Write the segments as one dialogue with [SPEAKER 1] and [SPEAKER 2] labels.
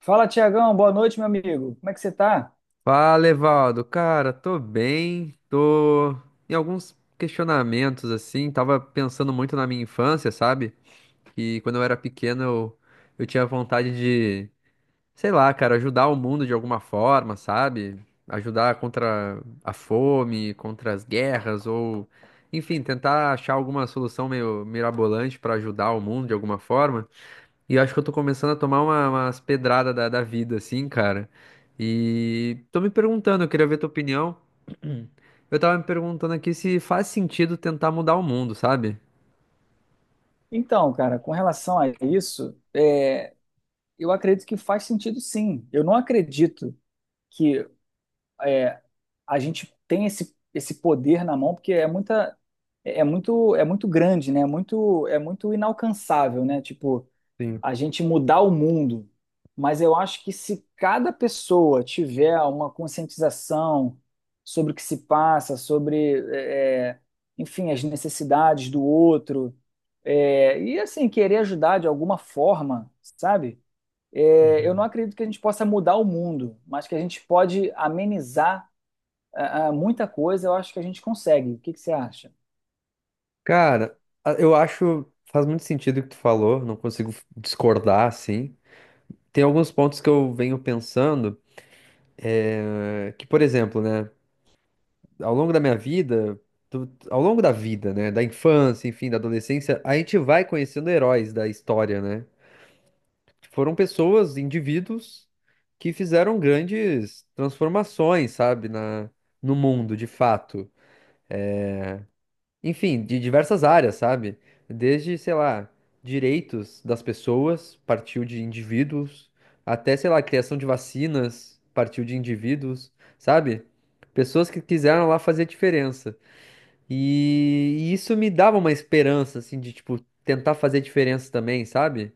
[SPEAKER 1] Fala, Tiagão, boa noite, meu amigo. Como é que você tá?
[SPEAKER 2] Fala, Evaldo. Cara, tô bem, tô em alguns questionamentos, assim, tava pensando muito na minha infância, sabe? Que quando eu era pequeno eu tinha vontade sei lá, cara, ajudar o mundo de alguma forma, sabe? Ajudar contra a fome, contra as guerras, ou enfim, tentar achar alguma solução meio mirabolante pra ajudar o mundo de alguma forma. E eu acho que eu tô começando a tomar umas pedradas da vida, assim, cara. E tô me perguntando, eu queria ver tua opinião. Eu tava me perguntando aqui se faz sentido tentar mudar o mundo, sabe?
[SPEAKER 1] Então, cara, com relação a isso, eu acredito que faz sentido sim. Eu não acredito que é, a gente tem esse poder na mão, porque é muita, é é muito grande, né? É muito inalcançável, né? Tipo,
[SPEAKER 2] Sim.
[SPEAKER 1] a gente mudar o mundo. Mas eu acho que se cada pessoa tiver uma conscientização sobre o que se passa, enfim, as necessidades do outro, e assim, querer ajudar de alguma forma, sabe? Eu não
[SPEAKER 2] Uhum.
[SPEAKER 1] acredito que a gente possa mudar o mundo, mas que a gente pode amenizar muita coisa, eu acho que a gente consegue. O que que você acha?
[SPEAKER 2] Cara, eu acho faz muito sentido o que tu falou, não consigo discordar assim. Tem alguns pontos que eu venho pensando, que, por exemplo, né, ao longo da minha vida, ao longo da vida, né, da infância, enfim, da adolescência, a gente vai conhecendo heróis da história, né? Foram pessoas, indivíduos, que fizeram grandes transformações, sabe, na, no mundo, de fato. Enfim, de diversas áreas, sabe? Desde, sei lá, direitos das pessoas, partiu de indivíduos, até, sei lá, criação de vacinas, partiu de indivíduos, sabe? Pessoas que quiseram lá fazer diferença. E isso me dava uma esperança, assim, de, tipo, tentar fazer diferença também, sabe?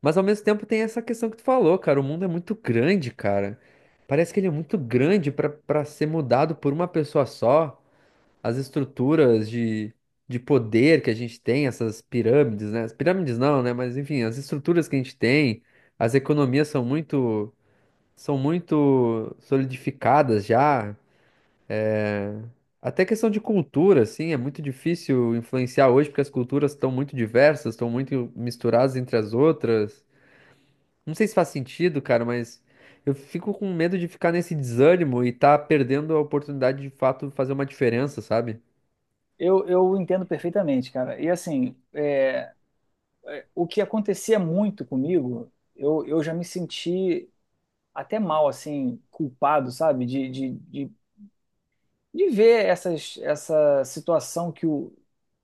[SPEAKER 2] Mas ao mesmo tempo tem essa questão que tu falou, cara. O mundo é muito grande, cara. Parece que ele é muito grande pra para ser mudado por uma pessoa só. As estruturas de poder que a gente tem, essas pirâmides, né? As pirâmides não, né? Mas enfim, as estruturas que a gente tem, as economias são muito solidificadas já. Até questão de cultura, assim, é muito difícil influenciar hoje porque as culturas estão muito diversas, estão muito misturadas entre as outras. Não sei se faz sentido, cara, mas eu fico com medo de ficar nesse desânimo e tá perdendo a oportunidade de fato fazer uma diferença, sabe?
[SPEAKER 1] Eu entendo perfeitamente, cara. E assim, o que acontecia muito comigo, eu já me senti até mal, assim, culpado, sabe? De ver essa situação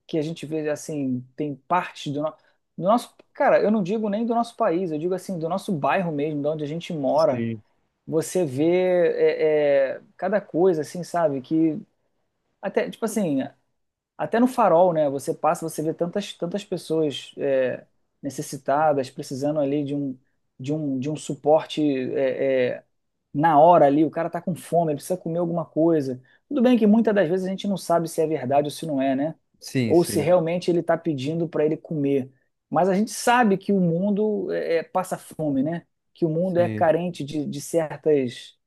[SPEAKER 1] que a gente vê, assim, tem parte do nosso... Cara, eu não digo nem do nosso país, eu digo, assim, do nosso bairro mesmo, de onde a gente mora.
[SPEAKER 2] Sim.
[SPEAKER 1] Você vê cada coisa, assim, sabe? Que até, tipo assim, até no farol, né? Você passa, você vê tantas pessoas necessitadas, precisando ali de um suporte é, é, na hora ali. O cara tá com fome, ele precisa comer alguma coisa. Tudo bem que muitas das vezes a gente não sabe se é verdade ou se não é, né?
[SPEAKER 2] Sim,
[SPEAKER 1] Ou se
[SPEAKER 2] sim,
[SPEAKER 1] realmente ele tá pedindo para ele comer. Mas a gente sabe que o mundo passa fome, né? Que o mundo é
[SPEAKER 2] sim.
[SPEAKER 1] carente de certas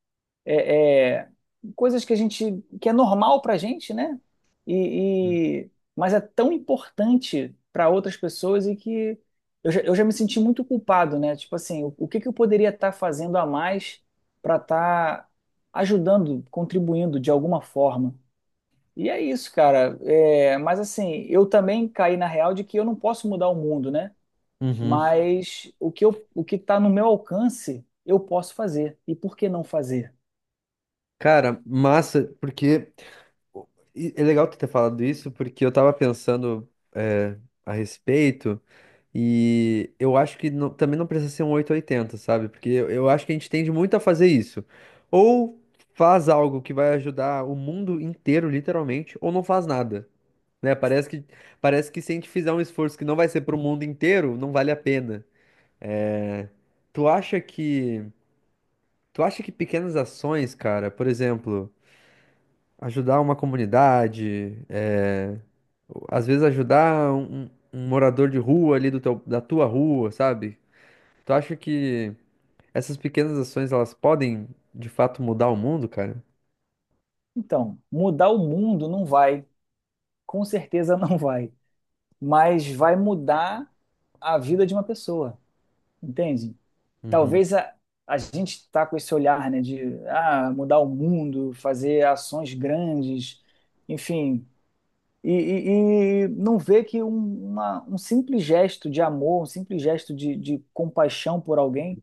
[SPEAKER 1] é, é, coisas que a gente que é normal para a gente, né? E, e- mas é tão importante para outras pessoas e que eu já me senti muito culpado, né? Tipo assim, o que que eu poderia estar fazendo a mais para estar ajudando, contribuindo de alguma forma? E é isso, cara. É, mas assim, eu também caí na real de que eu não posso mudar o mundo, né?
[SPEAKER 2] Uhum.
[SPEAKER 1] Mas o que está no meu alcance, eu posso fazer. E por que não fazer?
[SPEAKER 2] Cara, massa, porque e é legal tu ter falado isso, porque eu tava pensando a respeito. E eu acho que também não precisa ser um oito ou oitenta, sabe? Porque eu acho que a gente tende muito a fazer isso. Ou faz algo que vai ajudar o mundo inteiro, literalmente, ou não faz nada. Né? Parece parece que se a gente fizer um esforço que não vai ser para o mundo inteiro, não vale a pena. É, tu acha que, tu acha que pequenas ações, cara, por exemplo, ajudar uma comunidade, às vezes ajudar um morador de rua ali do da tua rua, sabe? Tu acha que essas pequenas ações elas podem de fato mudar o mundo, cara?
[SPEAKER 1] Então, mudar o mundo não vai, com certeza não vai, mas vai mudar a vida de uma pessoa, entende?
[SPEAKER 2] Uhum.
[SPEAKER 1] Talvez a, a gente está com esse olhar, né, de ah, mudar o mundo, fazer ações grandes, enfim, e não vê que um simples gesto de amor, um simples gesto de compaixão por alguém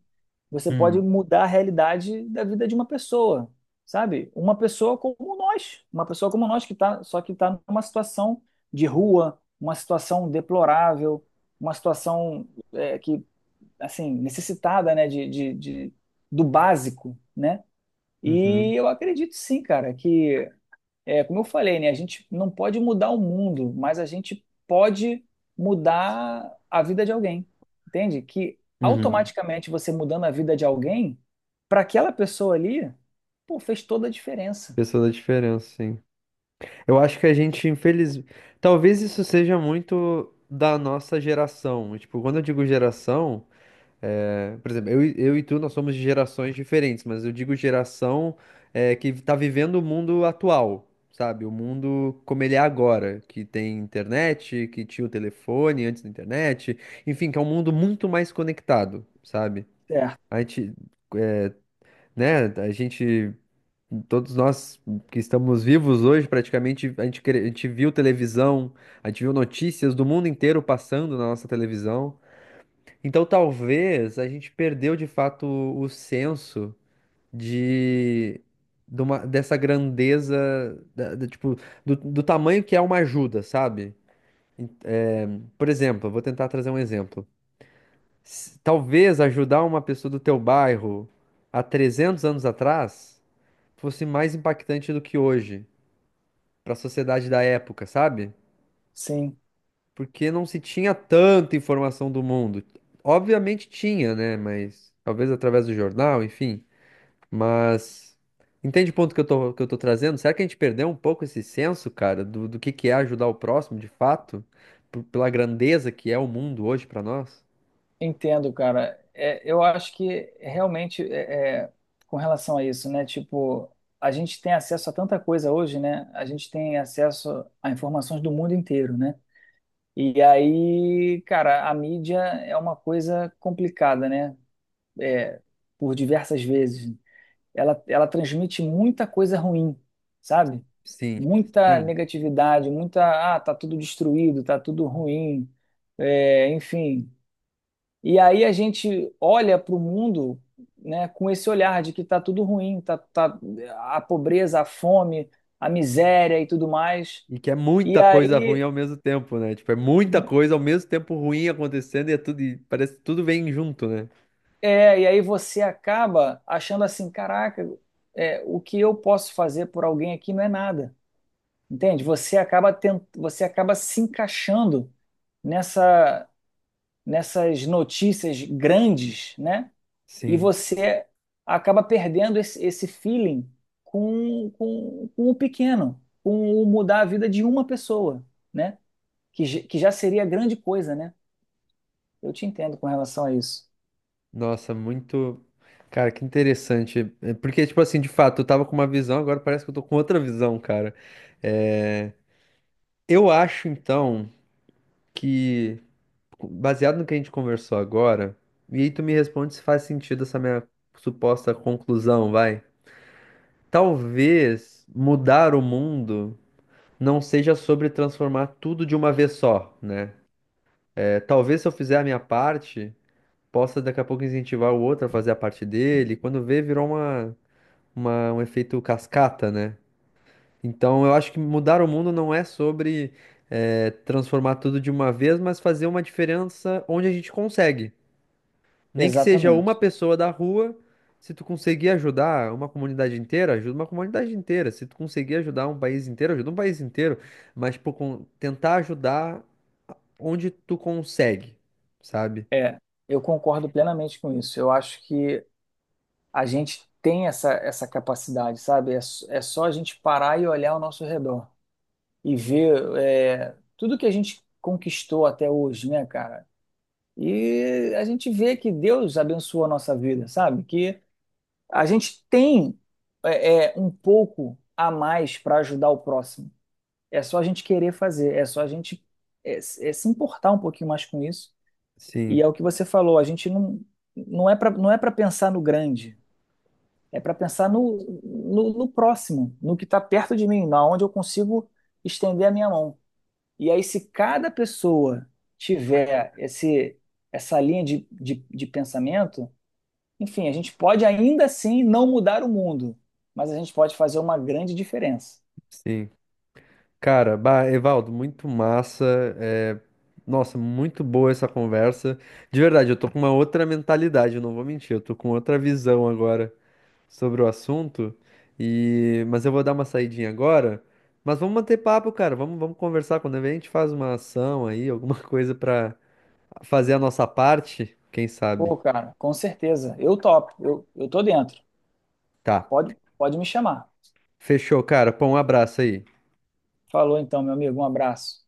[SPEAKER 1] você pode
[SPEAKER 2] Hum.
[SPEAKER 1] mudar a realidade da vida de uma pessoa, sabe? Uma pessoa como nós, uma pessoa como nós que tá, só que está numa situação de rua, uma situação deplorável, uma situação é, que, assim, necessitada, né, do básico, né? E
[SPEAKER 2] Uhum.
[SPEAKER 1] eu acredito sim, cara, que é, como eu falei, né? A gente não pode mudar o mundo, mas a gente pode mudar a vida de alguém. Entende? Que
[SPEAKER 2] Uhum.
[SPEAKER 1] automaticamente você mudando a vida de alguém, para aquela pessoa ali, pô, fez toda a diferença.
[SPEAKER 2] Pessoa da diferença, sim. Eu acho que a gente, infeliz... Talvez isso seja muito da nossa geração. Tipo, quando eu digo geração, é, por exemplo, eu e tu, nós somos de gerações diferentes, mas eu digo geração que tá vivendo o mundo atual, sabe? O mundo como ele é agora, que tem internet, que tinha o telefone antes da internet, enfim, que é um mundo muito mais conectado, sabe?
[SPEAKER 1] Certo.
[SPEAKER 2] A gente, né, a gente todos nós que estamos vivos hoje, praticamente, a gente viu televisão, a gente viu notícias do mundo inteiro passando na nossa televisão. Então, talvez a gente perdeu de fato o senso de, dessa grandeza, tipo, do, do tamanho que é uma ajuda, sabe? Por exemplo, eu vou tentar trazer um exemplo. Talvez ajudar uma pessoa do teu bairro há 300 anos atrás fosse mais impactante do que hoje, para a sociedade da época, sabe?
[SPEAKER 1] Sim,
[SPEAKER 2] Porque não se tinha tanta informação do mundo. Obviamente tinha, né? Mas talvez através do jornal, enfim. Mas entende o ponto que eu tô trazendo? Será que a gente perdeu um pouco esse senso, cara, do, do que é ajudar o próximo, de fato, pela grandeza que é o mundo hoje para nós?
[SPEAKER 1] entendo, cara. É, eu acho que realmente com relação a isso, né? Tipo, a gente tem acesso a tanta coisa hoje, né? A gente tem acesso a informações do mundo inteiro, né? E aí, cara, a mídia é uma coisa complicada, né? É, por diversas vezes. Ela transmite muita coisa ruim, sabe?
[SPEAKER 2] Sim,
[SPEAKER 1] Muita
[SPEAKER 2] sim.
[SPEAKER 1] negatividade, muita, ah, tá tudo destruído, tá tudo ruim, é, enfim. E aí a gente olha para o mundo, né, com esse olhar de que tá tudo ruim, tá a pobreza, a fome, a miséria e tudo mais.
[SPEAKER 2] E que é
[SPEAKER 1] E
[SPEAKER 2] muita coisa ruim
[SPEAKER 1] aí
[SPEAKER 2] ao mesmo tempo, né? Tipo, é muita coisa ao mesmo tempo ruim acontecendo e é tudo, e parece que tudo vem junto, né?
[SPEAKER 1] É, e aí você acaba achando assim, caraca, é, o que eu posso fazer por alguém aqui não é nada, entende? Você acaba tent... você acaba se encaixando nessa nessas notícias grandes, né? E
[SPEAKER 2] Sim.
[SPEAKER 1] você acaba perdendo esse feeling com o pequeno, com o mudar a vida de uma pessoa, né? Que, que já seria grande coisa, né? Eu te entendo com relação a isso.
[SPEAKER 2] Nossa, muito. Cara, que interessante. É. Porque, tipo assim, de fato, eu tava com uma visão, agora parece que eu tô com outra visão, cara. É, eu acho, então, que, baseado no que a gente conversou agora, e aí tu me responde se faz sentido essa minha suposta conclusão, vai. Talvez mudar o mundo não seja sobre transformar tudo de uma vez só, né? É, talvez se eu fizer a minha parte, possa daqui a pouco incentivar o outro a fazer a parte dele. Quando vê, virou uma. Uma- um efeito cascata, né? Então eu acho que mudar o mundo não é sobre transformar tudo de uma vez, mas fazer uma diferença onde a gente consegue. Nem que seja uma
[SPEAKER 1] Exatamente.
[SPEAKER 2] pessoa da rua, se tu conseguir ajudar uma comunidade inteira, ajuda uma comunidade inteira. Se tu conseguir ajudar um país inteiro, ajuda um país inteiro. Mas tipo, tentar ajudar onde tu consegue, sabe?
[SPEAKER 1] É, eu concordo plenamente com isso. Eu acho que a gente tem essa capacidade, sabe? É, é só a gente parar e olhar ao nosso redor e ver é, tudo que a gente conquistou até hoje, né, cara? E a gente vê que Deus abençoou a nossa vida, sabe? Que a gente tem um pouco a mais para ajudar o próximo. É só a gente querer fazer, é só a gente se importar um pouquinho mais com isso. E
[SPEAKER 2] Sim,
[SPEAKER 1] é o que você falou, a gente não, não é para não é para pensar no grande, é para pensar no próximo, no que está perto de mim, na onde eu consigo estender a minha mão. E aí, se cada pessoa tiver essa linha de pensamento, enfim, a gente pode ainda assim não mudar o mundo, mas a gente pode fazer uma grande diferença.
[SPEAKER 2] sim. Cara, bah, Evaldo, muito massa. É, nossa, muito boa essa conversa. De verdade, eu tô com uma outra mentalidade, eu não vou mentir, eu tô com outra visão agora sobre o assunto. E... mas eu vou dar uma saidinha agora. Mas vamos manter papo, cara. Vamos conversar. Quando a gente faz uma ação aí, alguma coisa pra fazer a nossa parte, quem sabe?
[SPEAKER 1] Pô, cara, com certeza. Eu topo, eu tô dentro.
[SPEAKER 2] Tá.
[SPEAKER 1] Pode me chamar.
[SPEAKER 2] Fechou, cara. Pô, um abraço aí.
[SPEAKER 1] Falou então, meu amigo, um abraço.